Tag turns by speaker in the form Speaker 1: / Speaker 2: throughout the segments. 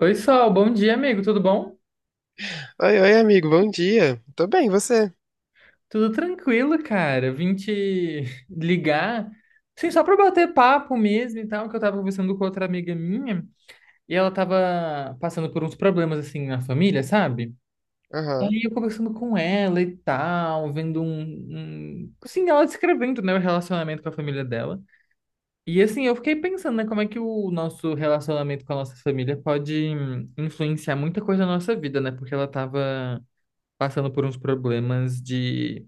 Speaker 1: Oi, Sol, bom dia, amigo, tudo bom?
Speaker 2: Oi, oi, amigo, bom dia. Tô bem, e você?
Speaker 1: Tudo tranquilo, cara. Vim te ligar, sim, só pra bater papo mesmo e tal, que eu tava conversando com outra amiga minha e ela tava passando por uns problemas, assim, na família, sabe? E
Speaker 2: Aham.
Speaker 1: aí eu conversando com ela e tal, vendo um. Assim, ela descrevendo, né, o relacionamento com a família dela. E, assim, eu fiquei pensando, né, como é que o nosso relacionamento com a nossa família pode influenciar muita coisa na nossa vida, né? Porque ela tava passando por uns problemas de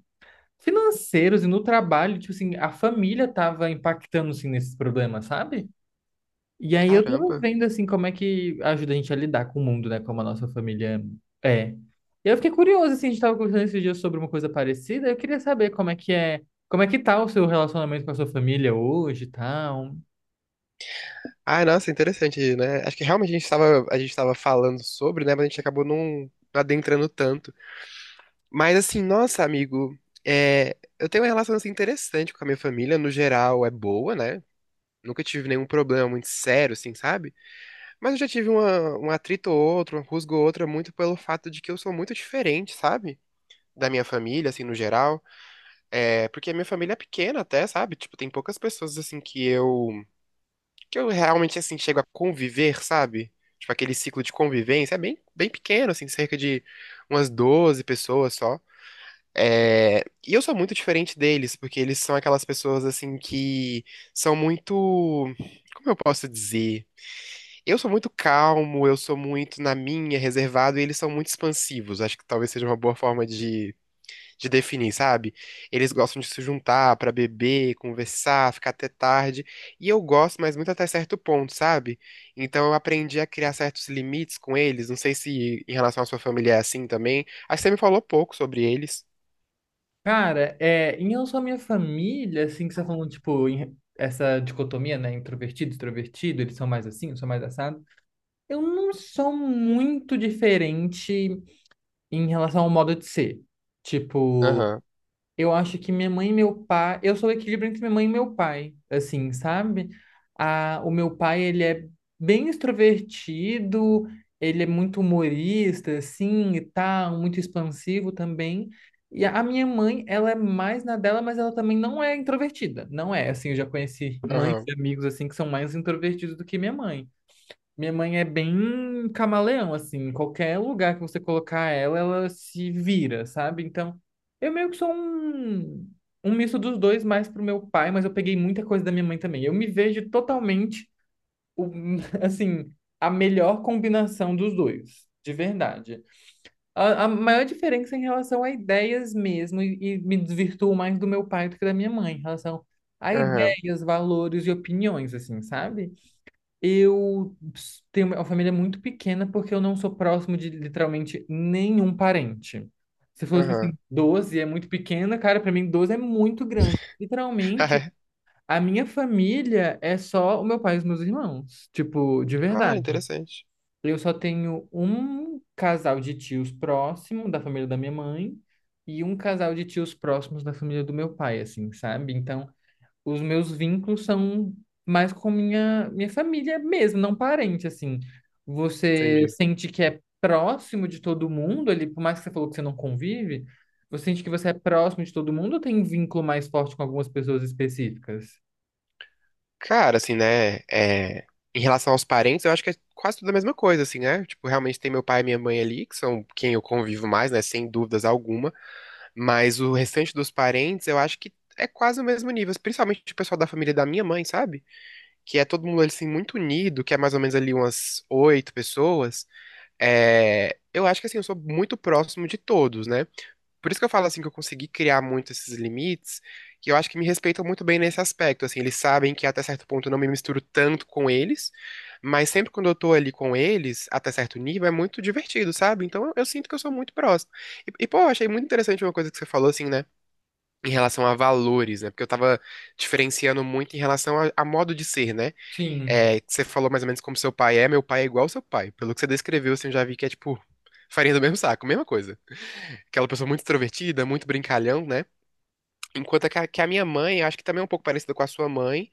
Speaker 1: financeiros e no trabalho, tipo assim, a família tava impactando assim nesses problemas, sabe? E aí eu tava
Speaker 2: Caramba.
Speaker 1: vendo assim como é que ajuda a gente a lidar com o mundo, né, como a nossa família é. E eu fiquei curioso assim, a gente tava conversando esses dias sobre uma coisa parecida, eu queria saber como é que é, como é que tá o seu relacionamento com a sua família hoje, e tal.
Speaker 2: Ah, nossa, interessante, né? Acho que realmente a gente tava falando sobre, né? Mas a gente acabou não adentrando tanto. Mas assim, nossa, amigo, é, eu tenho uma relação assim, interessante com a minha família. No geral, é boa, né? Nunca tive nenhum problema muito sério, assim, sabe? Mas eu já tive uma, um atrito ou outro, uma rusga ou outra, muito pelo fato de que eu sou muito diferente, sabe? Da minha família, assim, no geral. É, porque a minha família é pequena até, sabe? Tipo, tem poucas pessoas assim que eu realmente assim chego a conviver, sabe? Tipo, aquele ciclo de convivência é bem, bem pequeno, assim, cerca de umas 12 pessoas só. É, e eu sou muito diferente deles, porque eles são aquelas pessoas assim que são muito, como eu posso dizer? Eu sou muito calmo, eu sou muito na minha, reservado, e eles são muito expansivos. Acho que talvez seja uma boa forma de definir, sabe? Eles gostam de se juntar pra beber, conversar, ficar até tarde. E eu gosto, mas muito até certo ponto, sabe? Então eu aprendi a criar certos limites com eles. Não sei se em relação à sua família é assim também. Acho que você me falou pouco sobre eles.
Speaker 1: Cara, é, em relação à minha família, assim, que você tá falando, tipo, essa dicotomia, né, introvertido, extrovertido, eles são mais assim, eu sou mais assado. Eu não sou muito diferente em relação ao modo de ser. Tipo,
Speaker 2: Aham,
Speaker 1: eu acho que minha mãe e meu pai. Eu sou o equilíbrio entre minha mãe e meu pai, assim, sabe? Ah, o meu pai, ele é bem extrovertido, ele é muito humorista, assim, e tal, muito expansivo também. E a minha mãe, ela é mais na dela, mas ela também não é introvertida. Não é, assim, eu já conheci mães
Speaker 2: aham,
Speaker 1: e amigos, assim, que são mais introvertidos do que minha mãe. Minha mãe é bem camaleão, assim, em qualquer lugar que você colocar ela, ela se vira, sabe? Então, eu meio que sou um, um misto dos dois, mais pro meu pai, mas eu peguei muita coisa da minha mãe também. Eu me vejo totalmente, o- assim, a melhor combinação dos dois, de verdade. A maior diferença é em relação a ideias mesmo, e me desvirtuo mais do meu pai do que da minha mãe, em relação a
Speaker 2: aham,
Speaker 1: ideias, valores e opiniões, assim, sabe? Eu tenho uma família muito pequena porque eu não sou próximo de literalmente nenhum parente. Você falou, tipo
Speaker 2: aham.
Speaker 1: assim, 12 é muito pequena, cara, pra mim 12 é muito grande. Literalmente, a minha família é só o meu pai e os meus irmãos, tipo, de
Speaker 2: Ah,
Speaker 1: verdade.
Speaker 2: interessante.
Speaker 1: Eu só tenho um casal de tios próximo da família da minha mãe e um casal de tios próximos da família do meu pai, assim, sabe? Então, os meus vínculos são mais com minha família mesmo, não parente, assim. Você
Speaker 2: Entendi.
Speaker 1: sente que é próximo de todo mundo ali, por mais que você falou que você não convive, você sente que você é próximo de todo mundo ou tem vínculo mais forte com algumas pessoas específicas?
Speaker 2: Cara, assim, né? É, em relação aos parentes, eu acho que é quase tudo a mesma coisa, assim, né? Tipo, realmente tem meu pai e minha mãe ali, que são quem eu convivo mais, né? Sem dúvidas alguma. Mas o restante dos parentes, eu acho que é quase o mesmo nível, principalmente o pessoal da família da minha mãe, sabe? Que é todo mundo assim muito unido, que é mais ou menos ali umas 8 pessoas. É, eu acho que assim, eu sou muito próximo de todos, né? Por isso que eu falo assim que eu consegui criar muito esses limites, que eu acho que me respeitam muito bem nesse aspecto, assim, eles sabem que até certo ponto eu não me misturo tanto com eles, mas sempre quando eu tô ali com eles, até certo nível, é muito divertido, sabe? Então eu sinto que eu sou muito próximo. E pô, eu achei muito interessante uma coisa que você falou assim, né? Em relação a valores, né? Porque eu tava diferenciando muito em relação a modo de ser, né?
Speaker 1: Sim,
Speaker 2: É, que você falou mais ou menos como seu pai é, meu pai é igual ao seu pai. Pelo que você descreveu, assim, eu já vi que é tipo farinha do mesmo saco, mesma coisa. Aquela pessoa muito extrovertida, muito brincalhão, né? Enquanto que a minha mãe, eu acho que também é um pouco parecida com a sua mãe,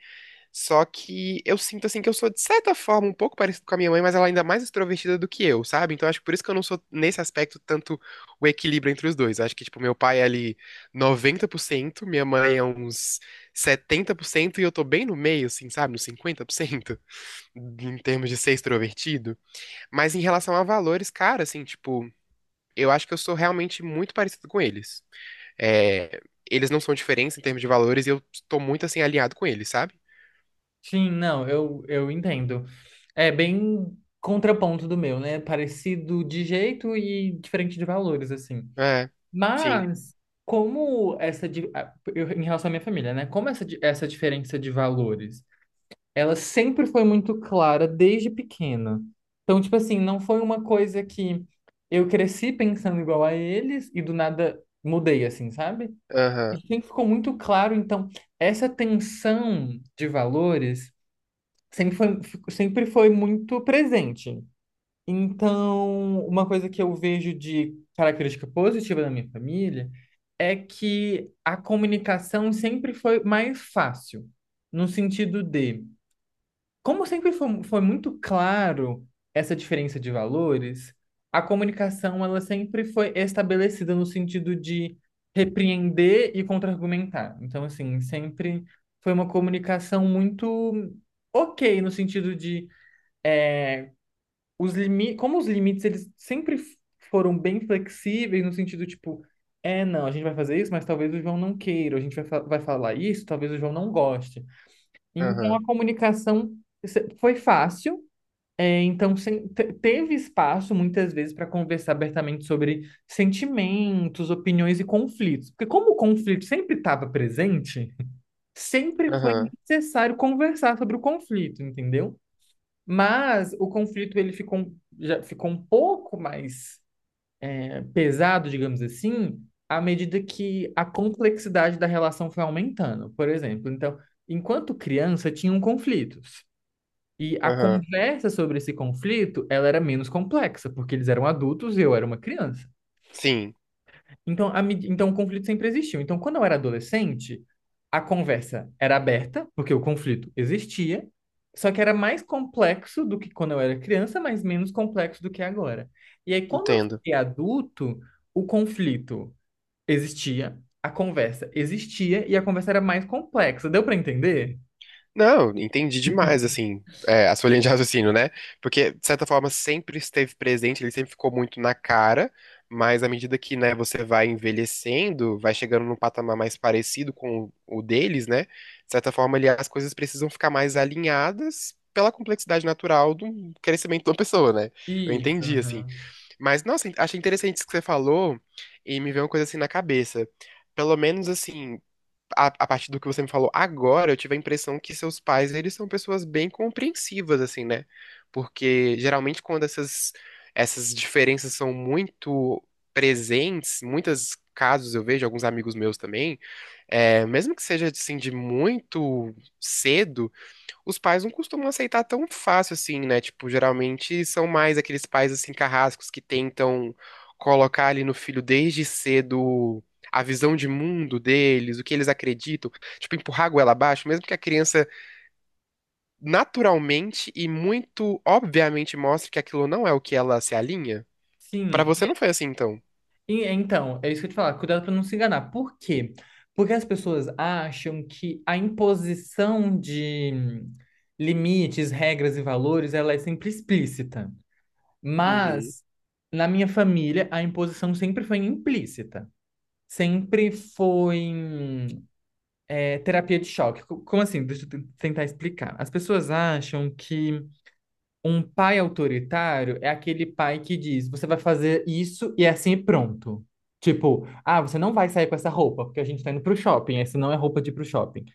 Speaker 2: só que eu sinto assim que eu sou, de certa forma, um pouco parecido com a minha mãe, mas ela ainda é mais extrovertida do que eu, sabe? Então acho que por isso que eu não sou, nesse aspecto, tanto o equilíbrio entre os dois. Acho que, tipo, meu pai é ali 90%, minha mãe é uns 70%, e eu tô bem no meio, assim, sabe? Nos 50%, em termos de ser extrovertido. Mas em relação a valores, cara, assim, tipo, eu acho que eu sou realmente muito parecido com eles. É, eles não são diferentes em termos de valores, e eu tô muito, assim, alinhado com eles, sabe?
Speaker 1: sim, não, eu entendo. É bem contraponto do meu, né? Parecido de jeito e diferente de valores, assim.
Speaker 2: É, sim.
Speaker 1: Mas, como essa. Em relação à minha família, né? Como essa, essa diferença de valores, ela sempre foi muito clara desde pequena. Então, tipo assim, não foi uma coisa que eu cresci pensando igual a eles e do nada mudei, assim, sabe? E
Speaker 2: Aham,
Speaker 1: sempre ficou muito claro. Então, essa tensão de valores sempre foi, sempre foi muito presente. Então, uma coisa que eu vejo de característica positiva da minha família é que a comunicação sempre foi mais fácil, no sentido de, como sempre foi muito claro essa diferença de valores, a comunicação ela sempre foi estabelecida no sentido de repreender e contra-argumentar. Então, assim, sempre foi uma comunicação muito ok, no sentido de eh, os limites, como os limites eles foram bem flexíveis no sentido tipo, não, a gente vai fazer isso, mas talvez o João não queira, a gente vai falar isso, talvez o João não goste. Então
Speaker 2: aham,
Speaker 1: a comunicação foi fácil, então teve espaço muitas vezes para conversar abertamente sobre sentimentos, opiniões e conflitos. Porque como o conflito sempre estava presente, sempre foi
Speaker 2: aham,
Speaker 1: necessário conversar sobre o conflito, entendeu? Mas o conflito ele já ficou um pouco mais pesado, digamos assim, à medida que a complexidade da relação foi aumentando. Por exemplo, então, enquanto criança, tinham conflitos. E a
Speaker 2: aham.
Speaker 1: conversa sobre esse conflito, ela era menos complexa, porque eles eram adultos e eu era uma criança.
Speaker 2: Sim,
Speaker 1: Então, então, o conflito sempre existiu. Então, quando eu era adolescente, a conversa era aberta, porque o conflito existia, só que era mais complexo do que quando eu era criança, mas menos complexo do que agora. E aí, quando eu
Speaker 2: entendo.
Speaker 1: fiquei adulto, o conflito existia, a conversa existia e a conversa era mais complexa. Deu para entender?
Speaker 2: Não, entendi demais, assim, é, a sua linha de raciocínio, né? Porque, de certa forma, sempre esteve presente, ele sempre ficou muito na cara, mas à medida que, né, você vai envelhecendo, vai chegando num patamar mais parecido com o deles, né? De certa forma, ali, as coisas precisam ficar mais alinhadas pela complexidade natural do crescimento de uma pessoa, né? Eu
Speaker 1: Isso,
Speaker 2: entendi, assim.
Speaker 1: aham.
Speaker 2: Mas, nossa, achei interessante isso que você falou e me veio uma coisa assim na cabeça. Pelo menos, assim, a partir do que você me falou agora, eu tive a impressão que seus pais, eles são pessoas bem compreensivas, assim, né? Porque geralmente quando essas diferenças são muito presentes, muitos casos eu vejo, alguns amigos meus também, é, mesmo que seja, assim, de muito cedo, os pais não costumam aceitar tão fácil assim, né? Tipo, geralmente são mais aqueles pais assim carrascos que tentam colocar ali no filho desde cedo a visão de mundo deles, o que eles acreditam, tipo, empurrar a goela abaixo, mesmo que a criança naturalmente e muito obviamente mostre que aquilo não é o que ela se alinha. Pra
Speaker 1: Sim,
Speaker 2: você não foi assim, então?
Speaker 1: Então, é isso que eu te falar, cuidado para não se enganar. Por quê? Porque as pessoas acham que a imposição de limites, regras e valores, ela é sempre explícita.
Speaker 2: Uhum,
Speaker 1: Mas na minha família, a imposição sempre foi implícita. Sempre foi terapia de choque. Como assim? Deixa eu tentar explicar. As pessoas acham que um pai autoritário é aquele pai que diz: você vai fazer isso e é assim e pronto. Tipo, ah, você não vai sair com essa roupa, porque a gente tá indo pro shopping, essa não é roupa de ir pro shopping.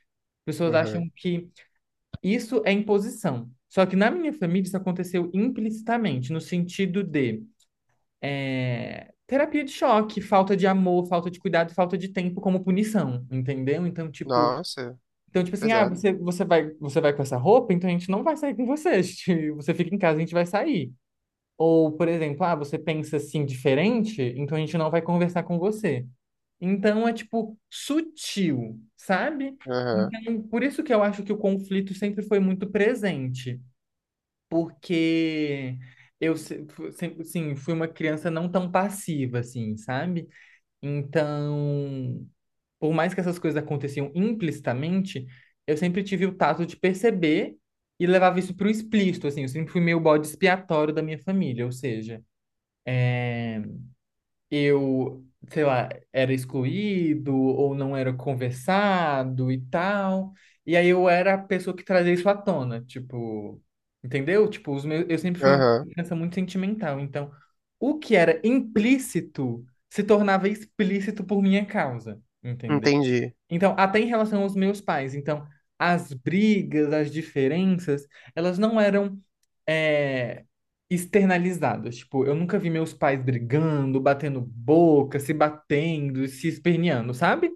Speaker 1: Pessoas
Speaker 2: aham.
Speaker 1: acham que isso é imposição. Só que na minha família isso aconteceu implicitamente, no sentido de terapia de choque, falta de amor, falta de cuidado, falta de tempo como punição, entendeu?
Speaker 2: Nossa,
Speaker 1: Então, tipo assim, ah,
Speaker 2: pesado.
Speaker 1: você vai com essa roupa, então a gente não vai sair com você. Você fica em casa, a gente vai sair. Ou, por exemplo, ah, você pensa assim diferente, então a gente não vai conversar com você. Então é tipo sutil, sabe?
Speaker 2: Aham,
Speaker 1: Então, por isso que eu acho que o conflito sempre foi muito presente, porque eu sempre, assim, fui uma criança não tão passiva, assim, sabe? Então, por mais que essas coisas aconteciam implicitamente, eu sempre tive o tato de perceber e levava isso para o explícito, assim, eu sempre fui meio bode expiatório da minha família, ou seja, eu, sei lá, era excluído ou não era conversado e tal. E aí eu era a pessoa que trazia isso à tona, tipo, entendeu? Tipo, os meus, eu sempre fui uma
Speaker 2: aham.
Speaker 1: criança muito sentimental, então o que era implícito se tornava explícito por minha causa, entendeu?
Speaker 2: Entendi.
Speaker 1: Então, até em relação aos meus pais, então, as brigas, as diferenças, elas não eram é, externalizadas. Tipo, eu nunca vi meus pais brigando, batendo boca, se batendo, se esperneando, sabe?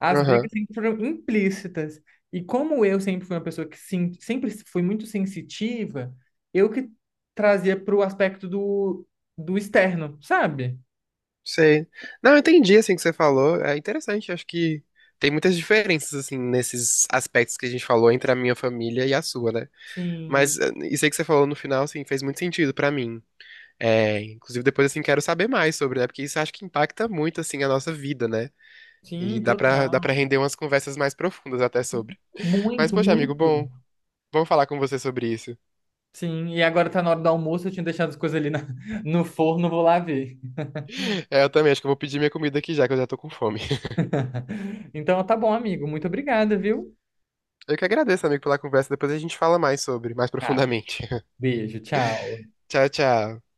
Speaker 1: As
Speaker 2: Aham.
Speaker 1: brigas sempre foram implícitas. E como eu sempre fui uma pessoa que sempre fui muito sensitiva, eu que trazia pro aspecto do externo, sabe?
Speaker 2: Sei. Não, eu entendi assim que você falou. É interessante, acho que tem muitas diferenças assim nesses aspectos que a gente falou entre a minha família e a sua, né?
Speaker 1: Sim,
Speaker 2: Mas eh, isso aí que você falou no final, assim, fez muito sentido pra mim. É, inclusive depois assim quero saber mais sobre, né? Porque isso acho que impacta muito assim a nossa vida, né? E
Speaker 1: sim,
Speaker 2: dá para
Speaker 1: total.
Speaker 2: render umas conversas mais profundas até sobre. Mas
Speaker 1: Muito,
Speaker 2: poxa, amigo,
Speaker 1: muito.
Speaker 2: bom, vamos falar com você sobre isso.
Speaker 1: Sim, e agora tá na hora do almoço, eu tinha deixado as coisas ali no forno, vou lá ver.
Speaker 2: É, eu também acho que eu vou pedir minha comida aqui já que eu já tô com fome.
Speaker 1: Então tá bom, amigo. Muito obrigada, viu?
Speaker 2: Eu que agradeço, amigo, pela conversa. Depois a gente fala mais sobre, mais
Speaker 1: Ah,
Speaker 2: profundamente.
Speaker 1: beijo, tchau.
Speaker 2: Tchau, tchau.